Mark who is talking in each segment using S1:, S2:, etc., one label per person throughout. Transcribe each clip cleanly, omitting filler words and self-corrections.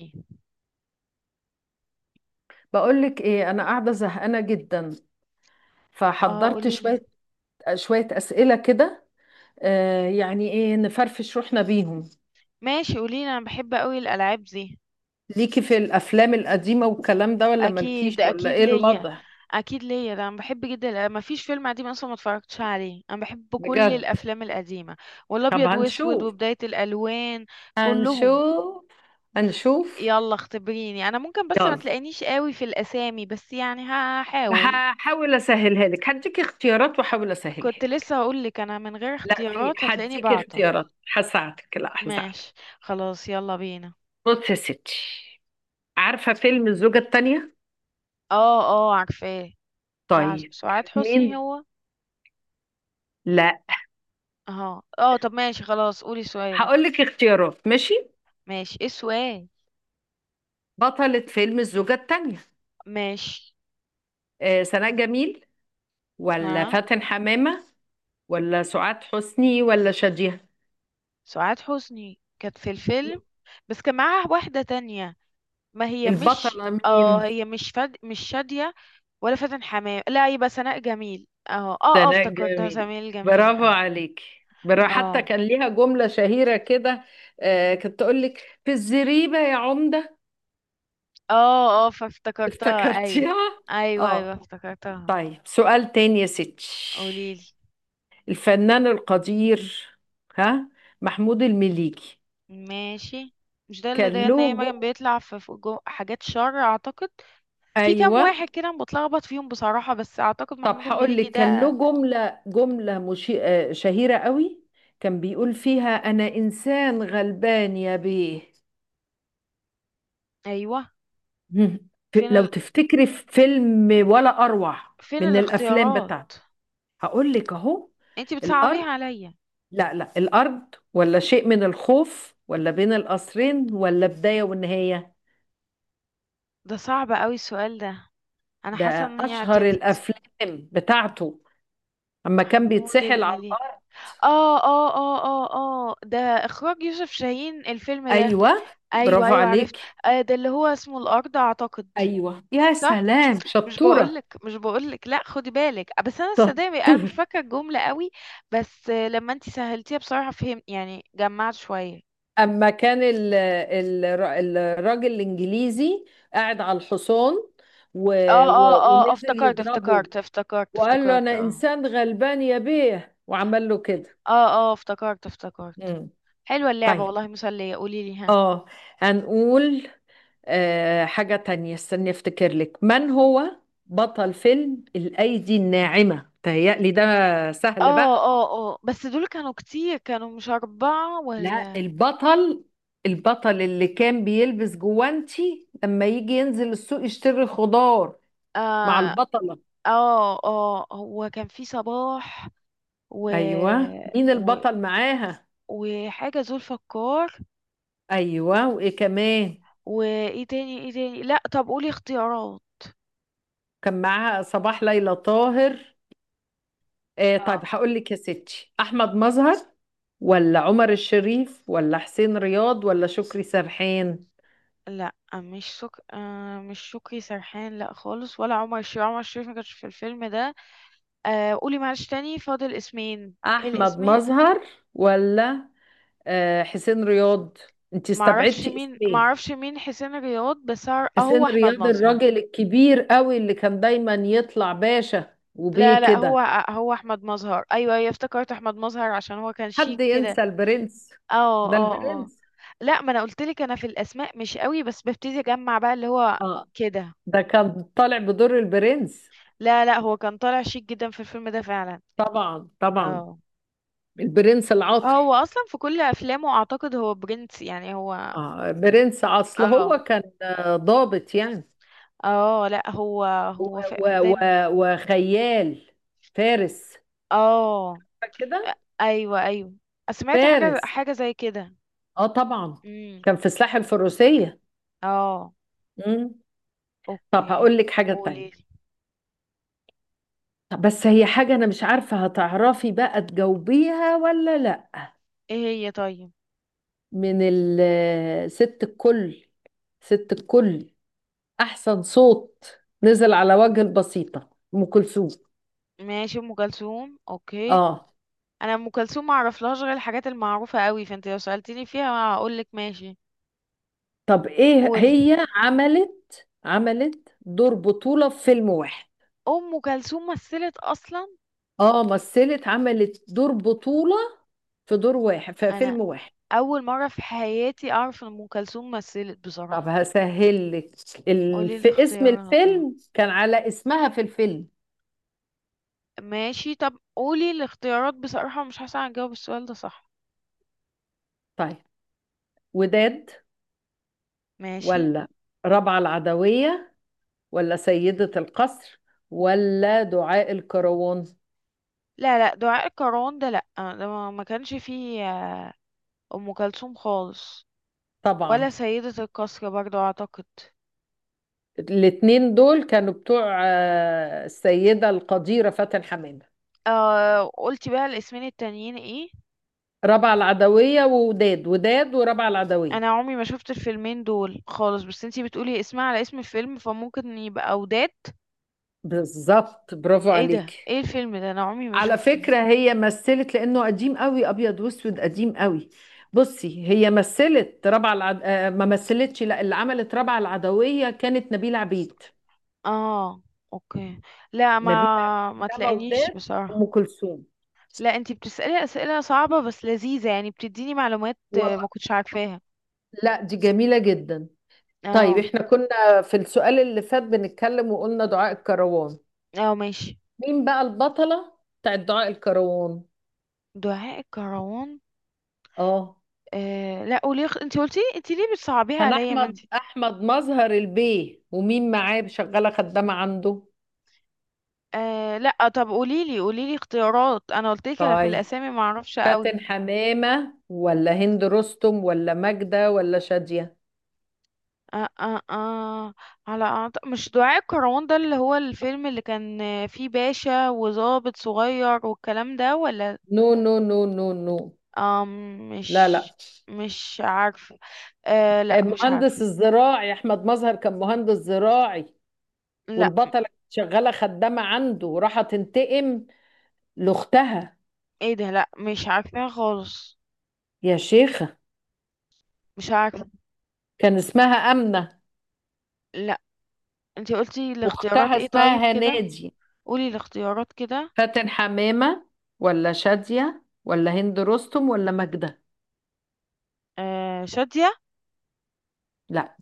S1: إيه؟
S2: بقولك ايه؟ انا قاعده زهقانه جدا،
S1: اه،
S2: فحضرت
S1: قوليلي.
S2: شويه شويه اسئله كده. يعني ايه، نفرفش روحنا بيهم.
S1: ماشي، قوليلي، انا بحب قوي الالعاب دي.
S2: ليكي في الافلام القديمه والكلام ده، ولا
S1: اكيد
S2: مالكيش، ولا
S1: اكيد
S2: ايه
S1: ليا،
S2: الوضع؟
S1: ده انا بحب جدا، ما فيش فيلم قديم اصلا ما اتفرجتش عليه، انا بحب كل
S2: بجد؟
S1: الافلام القديمه
S2: طب
S1: والابيض واسود
S2: هنشوف،
S1: وبدايه الالوان كلهم.
S2: هنشوف، هنشوف.
S1: يلا اختبريني، انا ممكن بس ما
S2: يلا،
S1: تلاقينيش قوي في الاسامي، بس يعني هحاول.
S2: هحاول اسهلها لك، هديك اختيارات واحاول اسهلها
S1: كنت لسه
S2: لك.
S1: هقول لك، انا من غير
S2: لا، في،
S1: اختيارات هتلاقيني
S2: هديكي
S1: بعطل.
S2: اختيارات هساعدك، لا هساعدك.
S1: ماشي، خلاص يلا بينا.
S2: بص يا ستي، عارفه فيلم الزوجه الثانيه؟
S1: اه اه، عارفاه. بتاع
S2: طيب
S1: سعاد
S2: كانت
S1: حسني
S2: مين؟
S1: هو؟
S2: لا.
S1: اه اه، طب ماشي، خلاص قولي سؤالك.
S2: هقول لك اختيارات، ماشي؟
S1: ماشي، ايه السؤال؟
S2: بطلة فيلم الزوجة التانية،
S1: ماشي.
S2: سناء جميل، ولا
S1: ها.
S2: فاتن حمامة، ولا سعاد حسني، ولا شادية؟
S1: سعاد حسني كانت في الفيلم، بس كان معاها واحدة تانية. ما هي مش،
S2: البطلة مين؟
S1: مش شادية. ولا فاتن حمام. لا، يبقى سناء جميل. اه اه اه،
S2: سناء
S1: افتكرتها
S2: جميل.
S1: سمير جميل.
S2: برافو
S1: اه.
S2: عليك. برا، حتى
S1: اه
S2: كان ليها جملة شهيرة كده. كانت تقول لك: في الزريبة يا عمدة.
S1: اه اه، فافتكرتها ايوه
S2: افتكرتيها؟
S1: ايوه ايوه،
S2: اه.
S1: افتكرتها.
S2: طيب، سؤال تاني يا ستي.
S1: قوليلي.
S2: الفنان القدير، ها، محمود المليجي.
S1: ماشي. مش ده اللي
S2: كان
S1: ده ان هي
S2: له
S1: مريم
S2: جو-
S1: بيطلع في حاجات شر اعتقد. في كام
S2: ايوه.
S1: واحد كده أنا بتلخبط فيهم بصراحة، بس اعتقد
S2: طب
S1: محمود
S2: هقول
S1: المليجي
S2: لك، كان
S1: ده.
S2: له جملة جملة مشي... آه، شهيرة قوي، كان بيقول فيها: أنا إنسان غلبان يا بيه.
S1: ايوه.
S2: مم.
S1: فين
S2: لو
S1: ال...
S2: تفتكري في فيلم ولا أروع
S1: فين
S2: من الأفلام
S1: الاختيارات؟
S2: بتاعته. هقول لك أهو:
S1: انتي
S2: الأرض.
S1: بتصعبيها عليا.
S2: لا لا، الأرض، ولا شيء من الخوف، ولا بين القصرين، ولا بداية ونهاية.
S1: ده صعب قوي السؤال ده. انا حاسه
S2: ده
S1: ان هي
S2: أشهر
S1: عتلت.
S2: الأفلام بتاعته، أما كان
S1: محمود
S2: بيتسحل على
S1: المليجي.
S2: الأرض.
S1: اه اه اه اه اه، ده اخراج يوسف شاهين الفيلم ده.
S2: أيوه.
S1: ايوه
S2: برافو
S1: ايوه، عرفت.
S2: عليك.
S1: آه، ده اللي هو اسمه الارض اعتقد.
S2: أيوه، يا
S1: صح.
S2: سلام،
S1: مش
S2: شطورة.
S1: بقولك مش بقولك، لا خدي بالك. بس انا صدقني انا
S2: شطور.
S1: مش فاكره الجمله قوي. بس، لما انتي سهلتيها بصراحه فهم يعني جمعت شويه.
S2: اما كان ال الراجل الانجليزي قاعد على الحصان، و
S1: اه اه
S2: و
S1: اه،
S2: ونزل
S1: افتكرت
S2: يضربه،
S1: افتكرت افتكرت
S2: وقال له:
S1: افتكرت.
S2: انا
S1: اه.
S2: انسان غلبان يا بيه، وعمل له كده.
S1: اه اه، افتكرت افتكرت.
S2: مم.
S1: حلوة اللعبة
S2: طيب.
S1: والله، مسلية. قولي لي. ها.
S2: اه. هنقول حاجة تانية، استني افتكر لك. من هو بطل فيلم الايدي الناعمة؟ تهيألي ده سهل
S1: اه
S2: بقى.
S1: اه. اه، بس دول كانوا كتير، كانوا مش أربعة
S2: لا،
S1: ولا؟
S2: البطل، البطل اللي كان بيلبس جوانتي لما يجي ينزل السوق يشتري خضار مع
S1: اه
S2: البطلة.
S1: اه. اه هو كان في صباح و...
S2: ايوه، مين
S1: و...
S2: البطل معاها؟
S1: وحاجة زولفقار.
S2: ايوه، وايه كمان؟
S1: وايه تاني ايه تاني، لا طب قولي اختيارات.
S2: كان معاها صباح، ليلى طاهر.
S1: اه
S2: طيب هقول لك يا ستي: احمد مظهر، ولا عمر الشريف، ولا حسين رياض، ولا شكري سرحان؟
S1: لا، مش سك... آه مش شكري سرحان، لا خالص، ولا عمر الشريف ما كانش في الفيلم ده. آه، قولي معلش تاني فاضل اسمين. ايه
S2: احمد
S1: الاسمين؟
S2: مظهر، ولا حسين رياض. انت استبعدتي اسمين.
S1: معرفش مين حسين الرياض بس آه،
S2: حسين
S1: هو احمد
S2: رياض،
S1: مظهر.
S2: الراجل الكبير قوي اللي كان دايما يطلع باشا
S1: لا
S2: وبيه
S1: لا، هو.
S2: كده.
S1: هو احمد مظهر. ايوه ايوه، افتكرت احمد مظهر عشان هو كان شيك
S2: حد
S1: كده.
S2: ينسى البرنس؟
S1: اه
S2: ده
S1: اه اه.
S2: البرنس.
S1: لا ما انا قلت لك، انا في الاسماء مش قوي، بس ببتدي اجمع بقى اللي هو
S2: اه،
S1: كده.
S2: ده كان طالع بدور البرنس.
S1: لا لا، هو كان طالع شيك جدا في الفيلم ده فعلا.
S2: طبعا طبعا،
S1: اه.
S2: البرنس العاطل.
S1: هو اصلا في كل افلامه اعتقد هو برنس، يعني هو.
S2: اه، برنس، اصل
S1: اه.
S2: هو كان ضابط يعني،
S1: اه لا،
S2: و
S1: هو
S2: و
S1: في
S2: و
S1: دايما.
S2: وخيال، فارس،
S1: اه
S2: كده،
S1: ايوه ايوه، سمعت حاجه
S2: فارس.
S1: حاجه زي كده.
S2: اه طبعا،
S1: امم.
S2: كان في سلاح الفروسية.
S1: اه.
S2: مم. طب
S1: اوكي.
S2: هقول لك حاجة تانية.
S1: قولي لي.
S2: طب بس هي حاجة أنا مش عارفة هتعرفي بقى تجاوبيها ولا لأ.
S1: ايه؟ هي، طيب.
S2: ست الكل، ست الكل، أحسن صوت نزل على وجه البسيطة، أم كلثوم.
S1: ماشي، ام كلثوم، اوكي.
S2: آه.
S1: انا ام كلثوم ما اعرفلهاش غير الحاجات المعروفه قوي، فانت لو سالتني فيها هقول لك ماشي.
S2: طب إيه؟
S1: قولي.
S2: هي عملت دور بطولة في فيلم واحد.
S1: ام كلثوم مثلت اصلا؟
S2: مثلت، عملت دور بطولة في دور واحد في
S1: انا
S2: فيلم واحد.
S1: اول مره في حياتي اعرف ان ام كلثوم مثلت
S2: طب
S1: بصراحه.
S2: هسهلك،
S1: قولي
S2: اسم
S1: الاختيارات.
S2: الفيلم كان على اسمها في الفيلم.
S1: ماشي، طب قولي الاختيارات، بصراحه مش حاسه هجاوب السؤال ده صح.
S2: طيب، وداد،
S1: ماشي.
S2: ولا ربعة العدوية، ولا سيدة القصر، ولا دعاء الكروان؟
S1: لا لا، دعاء الكروان ده لا، ده ما كانش فيه ام كلثوم خالص.
S2: طبعا.
S1: ولا سيدة القصر برضو اعتقد.
S2: الاتنين دول كانوا بتوع السيدة القديرة فاتن حمامة.
S1: آه، قلتي بقى الاسمين التانيين ايه؟
S2: ربعة العدوية ووداد، وداد وربعة
S1: انا
S2: العدوية.
S1: عمري ما شفت الفيلمين دول خالص، بس انتي بتقولي اسمها على اسم الفيلم، فممكن يبقى اوداد.
S2: بالظبط، برافو
S1: ايه ده؟
S2: عليك.
S1: ايه الفيلم ده؟ انا عمري ما
S2: على
S1: شفته.
S2: فكرة، هي مثلت لأنه قديم قوي، أبيض وأسود قديم قوي. بصي، هي مثلت ربعة العد... آه، ما مثلتش، لا، اللي عملت ربعة العدوية كانت نبيلة عبيد.
S1: اه، اوكي. لا،
S2: نبيلة.
S1: ما
S2: إنما
S1: تلاقينيش
S2: وداد
S1: بصراحة.
S2: أم كلثوم.
S1: لا، انتي بتسألي اسئلة صعبة بس لذيذة، يعني بتديني معلومات ما
S2: والله،
S1: كنتش عارفاها.
S2: لا، دي جميلة جدا. طيب،
S1: اه.
S2: احنا كنا في السؤال اللي فات بنتكلم وقلنا دعاء الكروان.
S1: اه ماشي.
S2: مين بقى البطلة بتاعت دعاء الكروان؟
S1: دعاء الكروان.
S2: اه.
S1: آه لا، قولي انت قلتي، انت ليه بتصعبيها
S2: كان
S1: عليا ما انت.
S2: احمد مظهر البيه، ومين معاه شغالة خدامة عنده.
S1: آه لا، طب قولي لي قولي لي اختيارات، انا قلت لك انا في
S2: طيب،
S1: الاسامي ما اعرفش قوي.
S2: فاتن حمامة، ولا هند رستم، ولا ماجدة، ولا شادية؟
S1: آه آه آه. مش دعاء الكروان ده اللي هو الفيلم اللي كان فيه باشا وضابط صغير والكلام ده، ولا؟
S2: نو نو نو نو نو.
S1: آه.
S2: لا
S1: مش.
S2: لا.
S1: مش عارفه. آه لا، مش عارفه.
S2: مهندس الزراعي، احمد مظهر كان مهندس زراعي،
S1: لا.
S2: والبطلة شغالة خدامة عنده وراحة تنتقم لأختها.
S1: ايه ده؟ لا، مش عارفه خالص.
S2: يا شيخة،
S1: مش عارفه.
S2: كان اسمها آمنة،
S1: لا، انت قلتي الاختيارات
S2: وأختها
S1: ايه
S2: اسمها
S1: طيب كده؟
S2: هنادي.
S1: قولي الاختيارات كده.
S2: فاتن حمامة، ولا شادية، ولا هند رستم، ولا ماجدة؟
S1: آه، شادية.
S2: لا،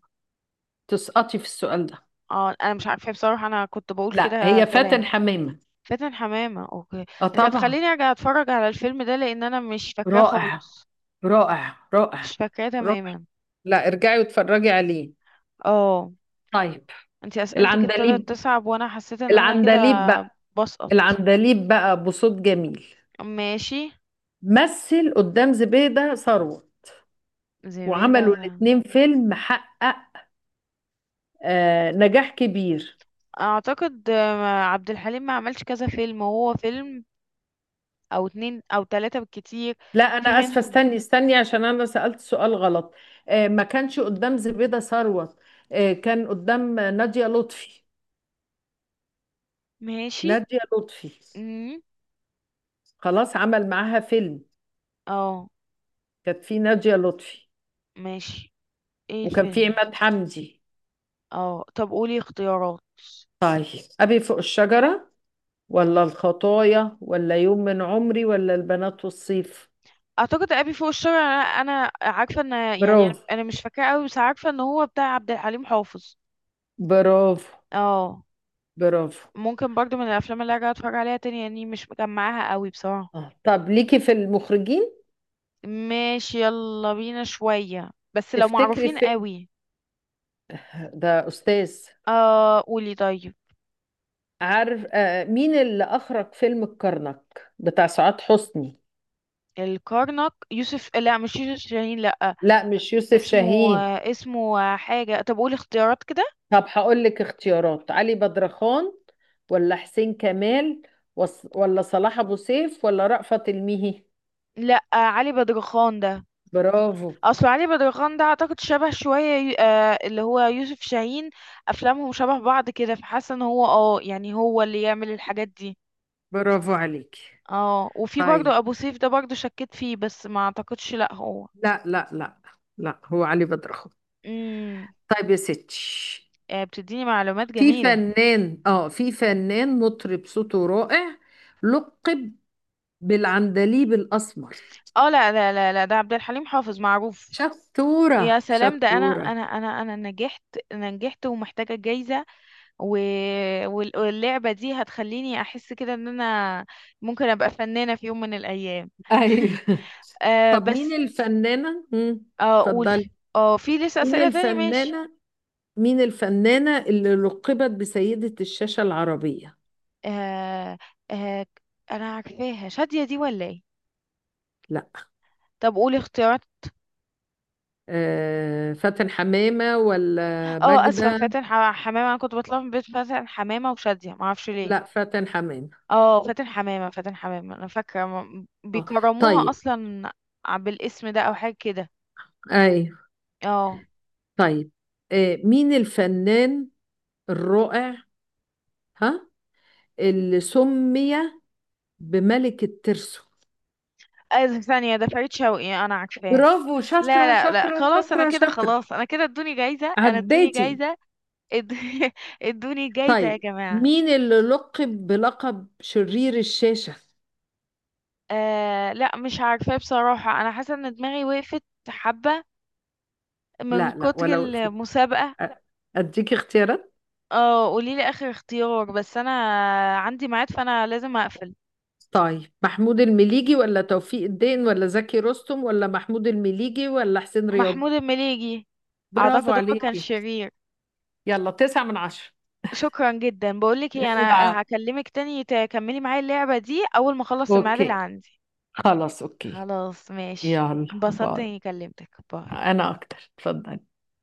S2: تسقطي في السؤال ده.
S1: اه، انا مش عارفة بصراحة، انا كنت بقول
S2: لا،
S1: كده
S2: هي فاتن
S1: كلام.
S2: حمامة.
S1: فاتن حمامة، اوكي.
S2: اه
S1: انت
S2: طبعا.
S1: هتخليني ارجع اتفرج على الفيلم ده لان انا مش فاكراه
S2: رائع،
S1: خالص.
S2: رائع
S1: مش
S2: رائع
S1: فاكراه
S2: رائع.
S1: تماما.
S2: لا، ارجعي واتفرجي عليه.
S1: اه.
S2: طيب.
S1: انت اسئلتك ابتدت
S2: العندليب،
S1: تصعب، وانا حسيت ان انا كده
S2: العندليب بقى،
S1: بسقط.
S2: العندليب بقى بصوت جميل،
S1: ماشي.
S2: مثل قدام زبيدة ثروت،
S1: زبيدة
S2: وعملوا الاتنين فيلم حقق نجاح كبير.
S1: اعتقد عبد الحليم ما عملش كذا فيلم، هو فيلم او اتنين او تلاتة بالكتير.
S2: لا،
S1: في
S2: انا اسفه،
S1: منهم.
S2: استني استني، عشان انا سألت سؤال غلط. ما كانش قدام زبيدة ثروت. كان قدام نادية لطفي،
S1: ماشي.
S2: نادية لطفي.
S1: امم.
S2: خلاص، عمل معاها فيلم.
S1: اه
S2: كانت في نادية لطفي،
S1: ماشي. ايه
S2: وكان في
S1: الفيلم ده؟
S2: عماد حمدي.
S1: اه، طب قولي اختيارات.
S2: طيب، أبي فوق الشجرة، ولا الخطايا، ولا يوم من عمري، ولا البنات والصيف؟
S1: اعتقد ابي فوق الشارع. انا عارفه ان يعني
S2: برافو،
S1: انا مش فاكره قوي، بس عارفه ان هو بتاع عبد الحليم حافظ.
S2: برافو،
S1: اه.
S2: برافو.
S1: ممكن برضو من الافلام اللي ارجع اتفرج عليها تاني، يعني مش مجمعاها قوي بصراحه.
S2: اه، طب ليكي في المخرجين،
S1: ماشي، يلا بينا شويه بس لو
S2: تفتكري
S1: معروفين
S2: في؟
S1: قوي.
S2: ده أستاذ.
S1: اه، قولي طيب.
S2: عارف مين اللي أخرج فيلم الكرنك بتاع سعاد حسني؟
S1: الكرنك لا مش يوسف شاهين، لا.
S2: لا، مش يوسف
S1: اسمه.
S2: شاهين.
S1: اسمه حاجه، طب قولي اختيارات كده.
S2: طب هقول لك اختيارات: علي بدرخان، ولا حسين كمال، ولا صلاح أبو سيف، ولا رأفت الميهي؟
S1: لا، علي بدرخان ده.
S2: برافو،
S1: اصل علي بدرخان ده اعتقد شبه شويه اللي هو يوسف شاهين. افلامهم شبه بعض كده، فحاسه ان هو اه يعني هو اللي يعمل الحاجات دي.
S2: برافو عليك.
S1: اه، وفي برضه
S2: طيب،
S1: ابو سيف ده برضه شكيت فيه، بس ما اعتقدش لا هو.
S2: لا لا لا، لا هو علي بدرخو.
S1: امم.
S2: طيب يا ستي،
S1: آه، بتديني معلومات جميله.
S2: في فنان مطرب صوته رائع، لقب بالعندليب الأسمر.
S1: اه، لا لا لا لا، ده عبد الحليم حافظ معروف.
S2: شطورة
S1: يا سلام، ده
S2: شطورة.
S1: انا نجحت. انا نجحت ومحتاجه جايزه. و... واللعبه دي هتخليني احس كده ان انا ممكن ابقى فنانه في يوم من الايام.
S2: أيوة.
S1: آه،
S2: طب مين
S1: بس.
S2: الفنانة؟
S1: اه
S2: اتفضلي.
S1: قولي، اه في لسه
S2: مين
S1: اسئله تاني ماشي؟
S2: الفنانة، مين الفنانة اللي لقبت بسيدة الشاشة العربية؟
S1: آه آه. انا عارفاها. شاديه دي، ولا ايه؟
S2: لا.
S1: طب قولي اختيارات.
S2: فاتن حمامة ولا
S1: اه، اسفه،
S2: ماجدة؟
S1: فاتن حمامه، انا كنت بطلع من بيت فاتن حمامه وشاديه ما اعرفش ليه.
S2: لا، فاتن حمامة.
S1: اه، فاتن حمامه فاتن حمامه، انا فاكره
S2: اه
S1: بيكرموها
S2: طيب.
S1: اصلا. بالاسم ده او حاجه كده.
S2: أيوة.
S1: اه.
S2: طيب. مين الفنان الرائع، ها، اللي سمي بملك الترسو؟
S1: آه، ثانية، ده فريد شوقي أنا عارفاه.
S2: برافو،
S1: لا
S2: شاطرة
S1: لا لا،
S2: شاطرة
S1: خلاص أنا
S2: شاطرة
S1: كده،
S2: شاطرة.
S1: خلاص أنا كده، ادوني جايزة، أنا ادوني
S2: عديتي.
S1: جايزة. اد- ادوني جايزة يا
S2: طيب،
S1: جماعة.
S2: مين اللي لقب بلقب شرير الشاشة؟
S1: آه لا، مش عارفة بصراحة، أنا حاسة إن دماغي وقفت حبة من
S2: لا لا،
S1: كتر
S2: ولا وقفت.
S1: المسابقة.
S2: أ- أديك اختيارات.
S1: اه قوليلي آخر اختيار، بس أنا عندي ميعاد فأنا لازم أقفل.
S2: طيب، محمود المليجي، ولا توفيق الدين، ولا زكي رستم، ولا محمود المليجي، ولا حسين رياض؟
S1: محمود المليجي.
S2: برافو
S1: أعتقد هو كان
S2: عليكي.
S1: شرير.
S2: يلا، 9/10.
S1: شكرا جدا. بقولك ايه، أنا
S2: لا.
S1: هكلمك تاني تكملي معايا اللعبة دي أول ما أخلص الميعاد اللي
S2: اوكي،
S1: عندي.
S2: خلاص اوكي.
S1: خلاص ماشي.
S2: يلا
S1: انبسطت
S2: باي.
S1: إني كلمتك. باي.
S2: انا اكتر، اتفضل.